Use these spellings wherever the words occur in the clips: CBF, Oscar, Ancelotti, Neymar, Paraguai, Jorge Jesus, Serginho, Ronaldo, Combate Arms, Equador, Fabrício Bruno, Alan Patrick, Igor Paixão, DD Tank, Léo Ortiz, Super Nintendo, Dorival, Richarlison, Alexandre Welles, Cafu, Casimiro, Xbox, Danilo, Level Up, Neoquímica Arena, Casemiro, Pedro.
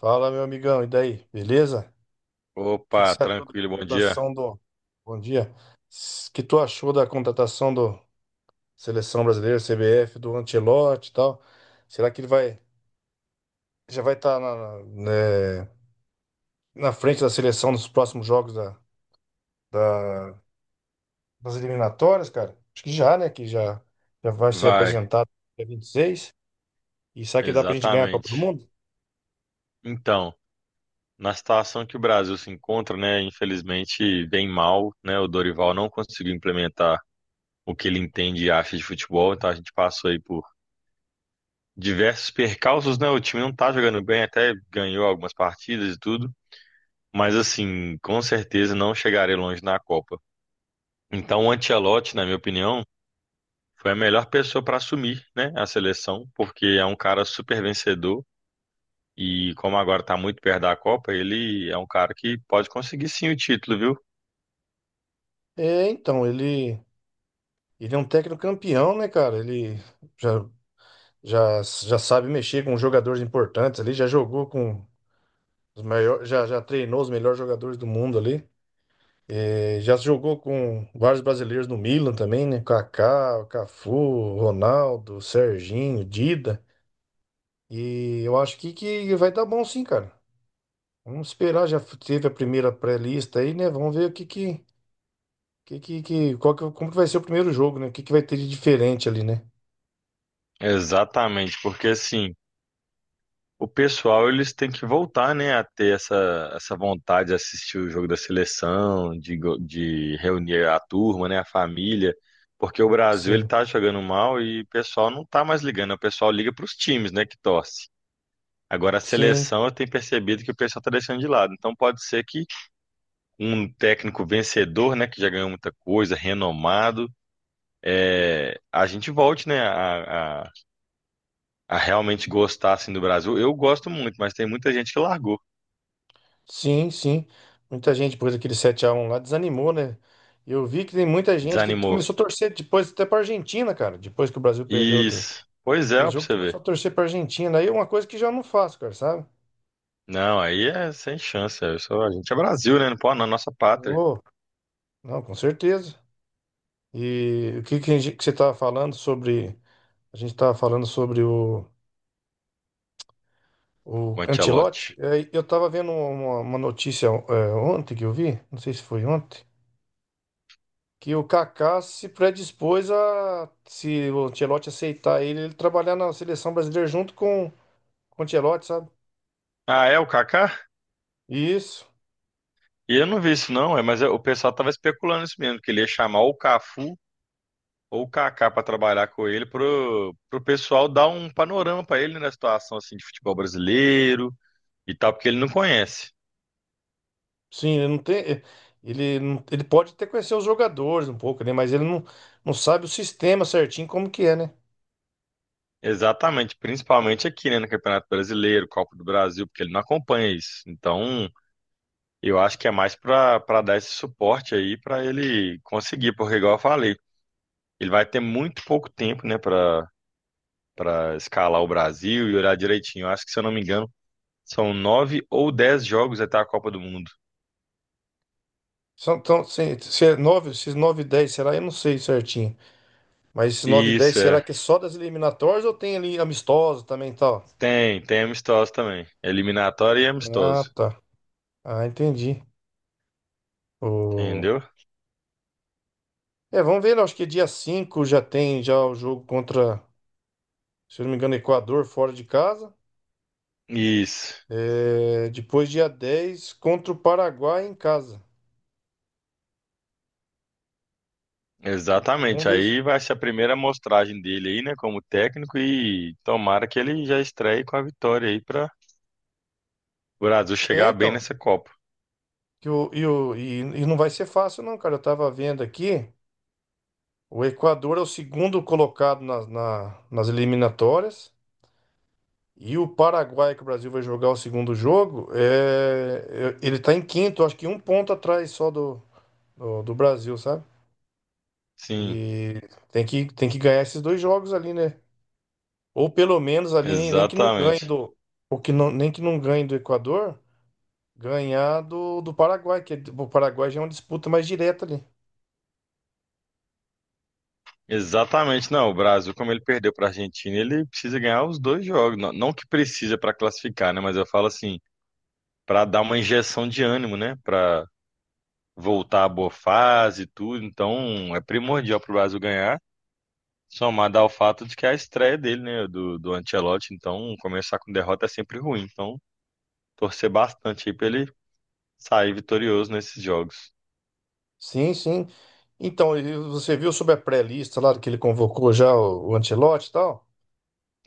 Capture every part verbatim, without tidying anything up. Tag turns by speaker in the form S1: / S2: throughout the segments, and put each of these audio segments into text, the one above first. S1: Fala, meu amigão, e daí? Beleza? O que que
S2: Opa,
S1: você achou da
S2: tranquilo, bom dia.
S1: contratação do. Bom dia. O que tu achou da contratação do Seleção Brasileira, C B F, do Ancelotti e tal? Será que ele vai já vai estar na, na, né, na frente da seleção nos próximos jogos da, da- das eliminatórias, cara? Acho que já, né? Que já, já vai ser
S2: Vai,
S1: apresentado dia vinte e seis. E seis. E será que dá pra gente ganhar a Copa do
S2: exatamente.
S1: Mundo?
S2: Então, na situação que o Brasil se encontra, né, infelizmente bem mal, né, o Dorival não conseguiu implementar o que ele entende e acha de futebol, então a gente passou aí por diversos percalços, né, o time não tá jogando bem, até ganhou algumas partidas e tudo, mas assim, com certeza não chegarei longe na Copa. Então, o Ancelotti, na minha opinião, foi a melhor pessoa para assumir, né, a seleção, porque é um cara super vencedor, e como agora está muito perto da Copa, ele é um cara que pode conseguir sim o título, viu?
S1: É, então, ele, ele é um técnico campeão, né, cara? Ele. Já já, já sabe mexer com jogadores importantes ali, já jogou com os maiores, já, já treinou os melhores jogadores do mundo ali. Eh, já jogou com vários brasileiros no Milan também, né? Kaká, Cafu, Ronaldo, Serginho, Dida. E eu acho que, que vai dar bom sim, cara. Vamos esperar, já teve a primeira pré-lista aí, né? Vamos ver o que que, que, que, que- qual que- como que vai ser o primeiro jogo, né? O que que vai ter de diferente ali, né?
S2: Exatamente, porque assim, o pessoal eles têm que voltar, né, a ter essa, essa vontade de assistir o jogo da seleção, de, go- de reunir a turma, né, a família, porque o Brasil ele
S1: Sim,
S2: tá jogando mal e o pessoal não tá mais ligando, né, o pessoal liga para os times, né, que torce. Agora a
S1: sim.
S2: seleção eu tenho percebido que o pessoal tá deixando de lado, então pode ser que um técnico vencedor, né, que já ganhou muita coisa, renomado é, a gente volte, né, a, a, a realmente gostar assim, do Brasil. Eu gosto muito, mas tem muita gente que largou,
S1: Sim, sim. Muita gente, depois daquele sete a um lá, desanimou, né? Eu vi que tem muita gente que
S2: desanimou.
S1: começou a torcer depois até pra Argentina, cara. Depois que o Brasil perdeu do-
S2: Isso. Pois é,
S1: Aquele
S2: ó, pra
S1: jogo, tu
S2: você
S1: começou a
S2: ver.
S1: torcer pra Argentina. Aí é uma coisa que já não faço, cara, sabe?
S2: Não, aí é sem chance. Eu sou, a gente é Brasil, né? Não pode, na nossa pátria.
S1: Oh, não, com certeza. E o que, que, a gente- que você estava falando sobre. A gente estava falando sobre o, o
S2: O Ancelotti.
S1: Ancelotti. É, eu estava vendo uma, uma notícia é, ontem que eu vi, não sei se foi ontem. Que o Kaká se predispôs a, se o Ancelotti aceitar ele, ele trabalhar na seleção brasileira junto com, com o Ancelotti, sabe?
S2: Ah, é o Kaká?
S1: Isso.
S2: E eu não vi isso, não, é, mas eu- o pessoal tava especulando isso mesmo, que ele ia chamar ou o Cafu ou o Kaká pra trabalhar com ele, pro, pro pessoal dar um panorama pra ele na situação assim, de futebol brasileiro e tal, porque ele não conhece.
S1: Sim, ele não tem. eh, Ele, não- Ele pode até conhecer os jogadores um pouco, né? Mas ele não, não sabe o sistema certinho como que é, né?
S2: Exatamente, principalmente aqui, né, no Campeonato Brasileiro, Copa do Brasil, porque ele não acompanha isso. Então, eu acho que é mais para para dar esse suporte aí para ele conseguir, porque igual eu falei, ele vai ter muito pouco tempo, né, para para escalar o Brasil e olhar direitinho. Eu acho que, se eu não me engano, são nove ou dez jogos até a Copa do Mundo.
S1: São, então, se, se é nove, esses nove e dez, será? Eu não sei certinho. Mas esses nove e dez,
S2: Isso
S1: será que
S2: é.
S1: é só das eliminatórias ou tem ali amistoso também e tal?
S2: Tem, tem amistoso também. Eliminatório e amistoso,
S1: Ah, tá. Ah, entendi.
S2: entendeu?
S1: É, vamos ver, eu acho que dia cinco já tem já o jogo contra, se eu não me engano, Equador fora de casa.
S2: Isso.
S1: É, depois dia dez contra o Paraguai em casa. Vamos
S2: Exatamente.
S1: ver. Se-
S2: Aí vai ser a primeira amostragem dele aí, né, como técnico, e tomara que ele já estreie com a vitória aí para o Brasil
S1: É,
S2: chegar bem
S1: então,
S2: nessa Copa.
S1: que o, e, o, e, e não vai ser fácil não, cara. Eu tava vendo aqui, o Equador é o segundo colocado nas na- nas eliminatórias e o Paraguai, que o Brasil vai jogar o segundo jogo, é, é- ele tá em quinto, acho que um ponto atrás só do, do, do Brasil, sabe?
S2: Sim,
S1: E tem que, tem que ganhar esses dois jogos ali, né? Ou pelo menos ali, nem, nem que não ganhe
S2: exatamente.
S1: do. Ou que não, nem que não ganhe do Equador, ganhar do, do Paraguai, que é- o Paraguai já é uma disputa mais direta ali.
S2: Exatamente. Não, o Brasil, como ele perdeu para a Argentina, ele precisa ganhar os dois jogos. Não, não que precisa para classificar, né, mas eu falo assim, para dar uma injeção de ânimo, né, para voltar à boa fase e tudo. Então, é primordial para o Brasil ganhar. Somado ao fato de que é a estreia dele, né, do, do Ancelotti, então começar com derrota é sempre ruim. Então, torcer bastante aí pra ele sair vitorioso nesses jogos.
S1: Sim, sim. Então, e você viu sobre a pré-lista lá que ele convocou já o, o Ancelotti e tal?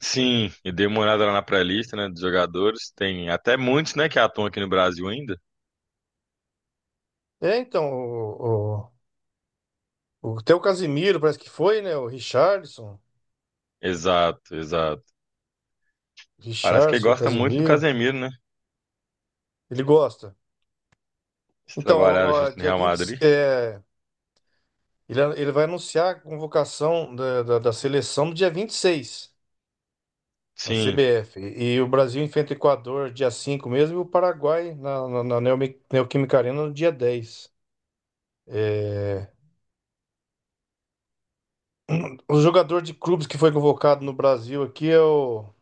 S2: Sim, e dei uma olhada lá na pré-lista, né, dos jogadores. Tem até muitos, né, que atuam aqui no Brasil ainda.
S1: É, então, o, o, o- até o Casimiro parece que foi, né? O Richarlison.
S2: Exato, exato. Parece que ele
S1: Richarlison, o
S2: gosta muito do
S1: Casimiro.
S2: Casemiro, né?
S1: Ele gosta.
S2: Eles
S1: Então,
S2: trabalharam
S1: ó, ó,
S2: junto no
S1: dia
S2: Real
S1: vinte,
S2: Madrid.
S1: Ele, ele vai anunciar a convocação da, da, da seleção no dia vinte e seis na
S2: Sim,
S1: C B F. E, e o Brasil enfrenta o Equador dia cinco mesmo, e o Paraguai na, na, na Neomi- Neoquímica Arena no dia dez. É, o jogador de clubes que foi convocado no Brasil aqui é o...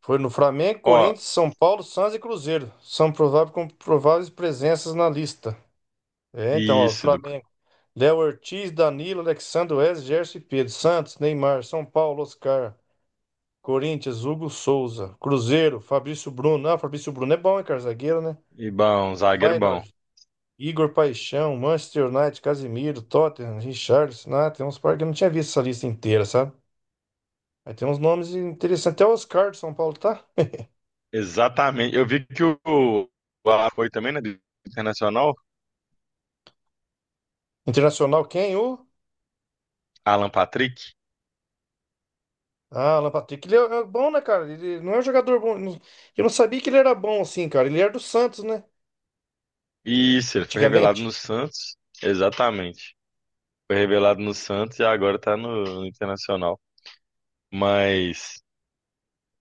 S1: foi no Flamengo,
S2: ó,
S1: Corinthians, São Paulo, Santos e Cruzeiro. São prováveis, com prováveis presenças na lista. É, então, ó,
S2: isso, do,
S1: Flamengo. Léo Ortiz, Danilo, Alexandre Welles, Gerson e Pedro. Santos, Neymar. São Paulo, Oscar. Corinthians, Hugo Souza. Cruzeiro, Fabrício Bruno. Ah, Fabrício Bruno é bom, hein, cara? Zagueiro, né?
S2: e bom, um zagueiro bom.
S1: Feyenoord, Igor Paixão. Manchester United, Casemiro. Tottenham, Richarlison. Ah, tem uns par que eu não tinha visto essa lista inteira, sabe? Aí tem uns nomes interessantes. Até o Oscar de São Paulo, tá?
S2: Exatamente. Eu vi que o, o Alan foi também, né, do Internacional,
S1: Internacional, quem? O?
S2: Alan Patrick.
S1: Ah, Alan Patrick. Ele é é bom, né, cara? Ele não é um jogador bom. Não- Eu não sabia que ele era bom assim, cara. Ele era do Santos, né?
S2: Isso, ele foi revelado
S1: Antigamente.
S2: no Santos. Exatamente. Foi revelado no Santos e agora tá no, no Internacional. Mas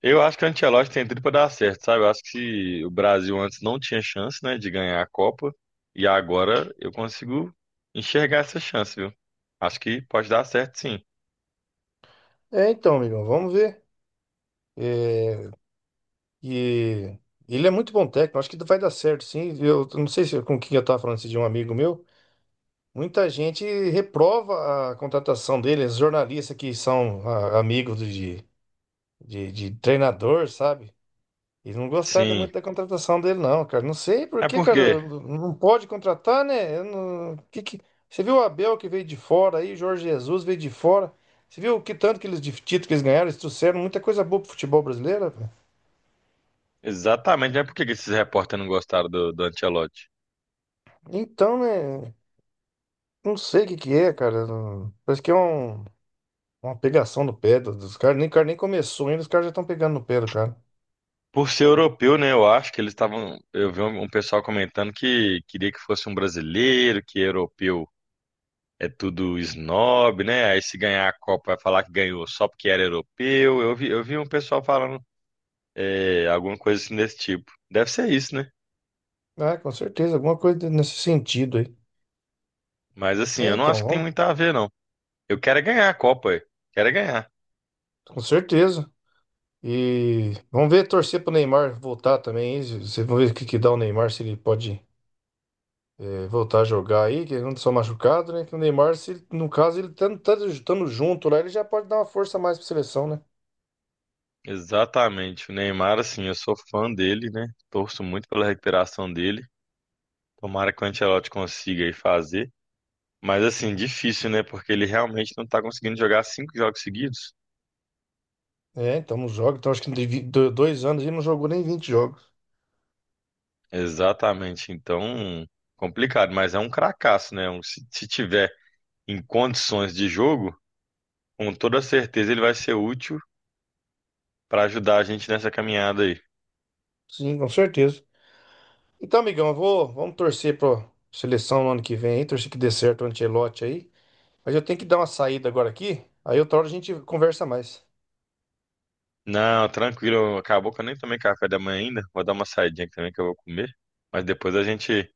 S2: eu acho que o Ancelotti tem tudo pra dar certo, sabe? Eu acho que se o Brasil antes não tinha chance, né, de ganhar a Copa, e agora eu consigo enxergar essa chance, viu? Acho que pode dar certo, sim.
S1: É, então, amigão, vamos ver. É, E ele é muito bom técnico, acho que vai dar certo, sim. Eu não sei se com quem eu estava falando esse de um amigo meu. Muita gente reprova a contratação dele, os jornalistas que são ah, amigos de, de, de treinador, sabe? E não gostaram
S2: Sim.
S1: muito da contratação dele, não, cara. Não sei por
S2: É
S1: que, cara,
S2: porque,
S1: não não pode contratar, né? Eu não- que, que... Você viu o Abel que veio de fora aí, o Jorge Jesus veio de fora. Você viu que tanto que eles de título que eles ganharam, eles trouxeram muita coisa boa pro futebol brasileiro, velho.
S2: exatamente, é porque esses repórteres não gostaram do, do Ancelotti.
S1: Então, né? Não sei o que que é, cara. Não- Parece que é um- uma pegação no pé do- dos caras. Nem, o cara nem começou ainda, os caras já estão pegando no pé do cara.
S2: Por ser europeu, né? Eu acho que eles estavam. Eu vi um um pessoal comentando que queria que fosse um brasileiro, que europeu é tudo snob, né? Aí se ganhar a Copa vai falar que ganhou só porque era europeu. Eu vi, eu vi um pessoal falando é, alguma coisa assim desse tipo. Deve ser isso, né?
S1: É, com certeza, alguma coisa nesse sentido aí.
S2: Mas assim,
S1: É,
S2: eu não
S1: então,
S2: acho que tem
S1: vamos,
S2: muito a ver, não. Eu quero é ganhar a Copa, eu quero é ganhar.
S1: com certeza. E vamos ver, torcer pro Neymar voltar também. Aí, se- se- Vamos ver o que que dá o Neymar, se ele pode é, voltar a jogar aí, que ele não só machucado, né? Que o Neymar, se, ele- No caso, ele estando junto lá, ele já pode dar uma força a mais pra seleção, né?
S2: Exatamente. O Neymar, assim, eu sou fã dele, né? Torço muito pela recuperação dele. Tomara que o Ancelotti consiga aí fazer. Mas assim, difícil, né? Porque ele realmente não tá conseguindo jogar cinco jogos seguidos.
S1: É, então não joga. Então acho que de vi- do- dois anos ele não jogou nem vinte jogos.
S2: Exatamente. Então, complicado, mas é um cracaço, né? Um- Se, se tiver em condições de jogo, com toda certeza ele vai ser útil para ajudar a gente nessa caminhada aí.
S1: Sim, com certeza. Então, amigão, eu vou, vamos torcer pra seleção no ano que vem aí, torcer que dê certo o Ancelotti aí. Mas eu tenho que dar uma saída agora aqui, aí outra hora a gente conversa mais.
S2: Não, tranquilo, acabou que eu nem tomei café da manhã ainda. Vou dar uma saidinha aqui também que eu vou comer. Mas depois a gente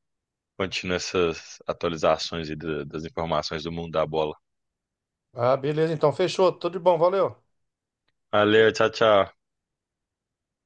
S2: continua essas atualizações aí da- das informações do mundo da bola.
S1: Ah, beleza, então, fechou, tudo de bom, valeu.
S2: Valeu, tchau, tchau.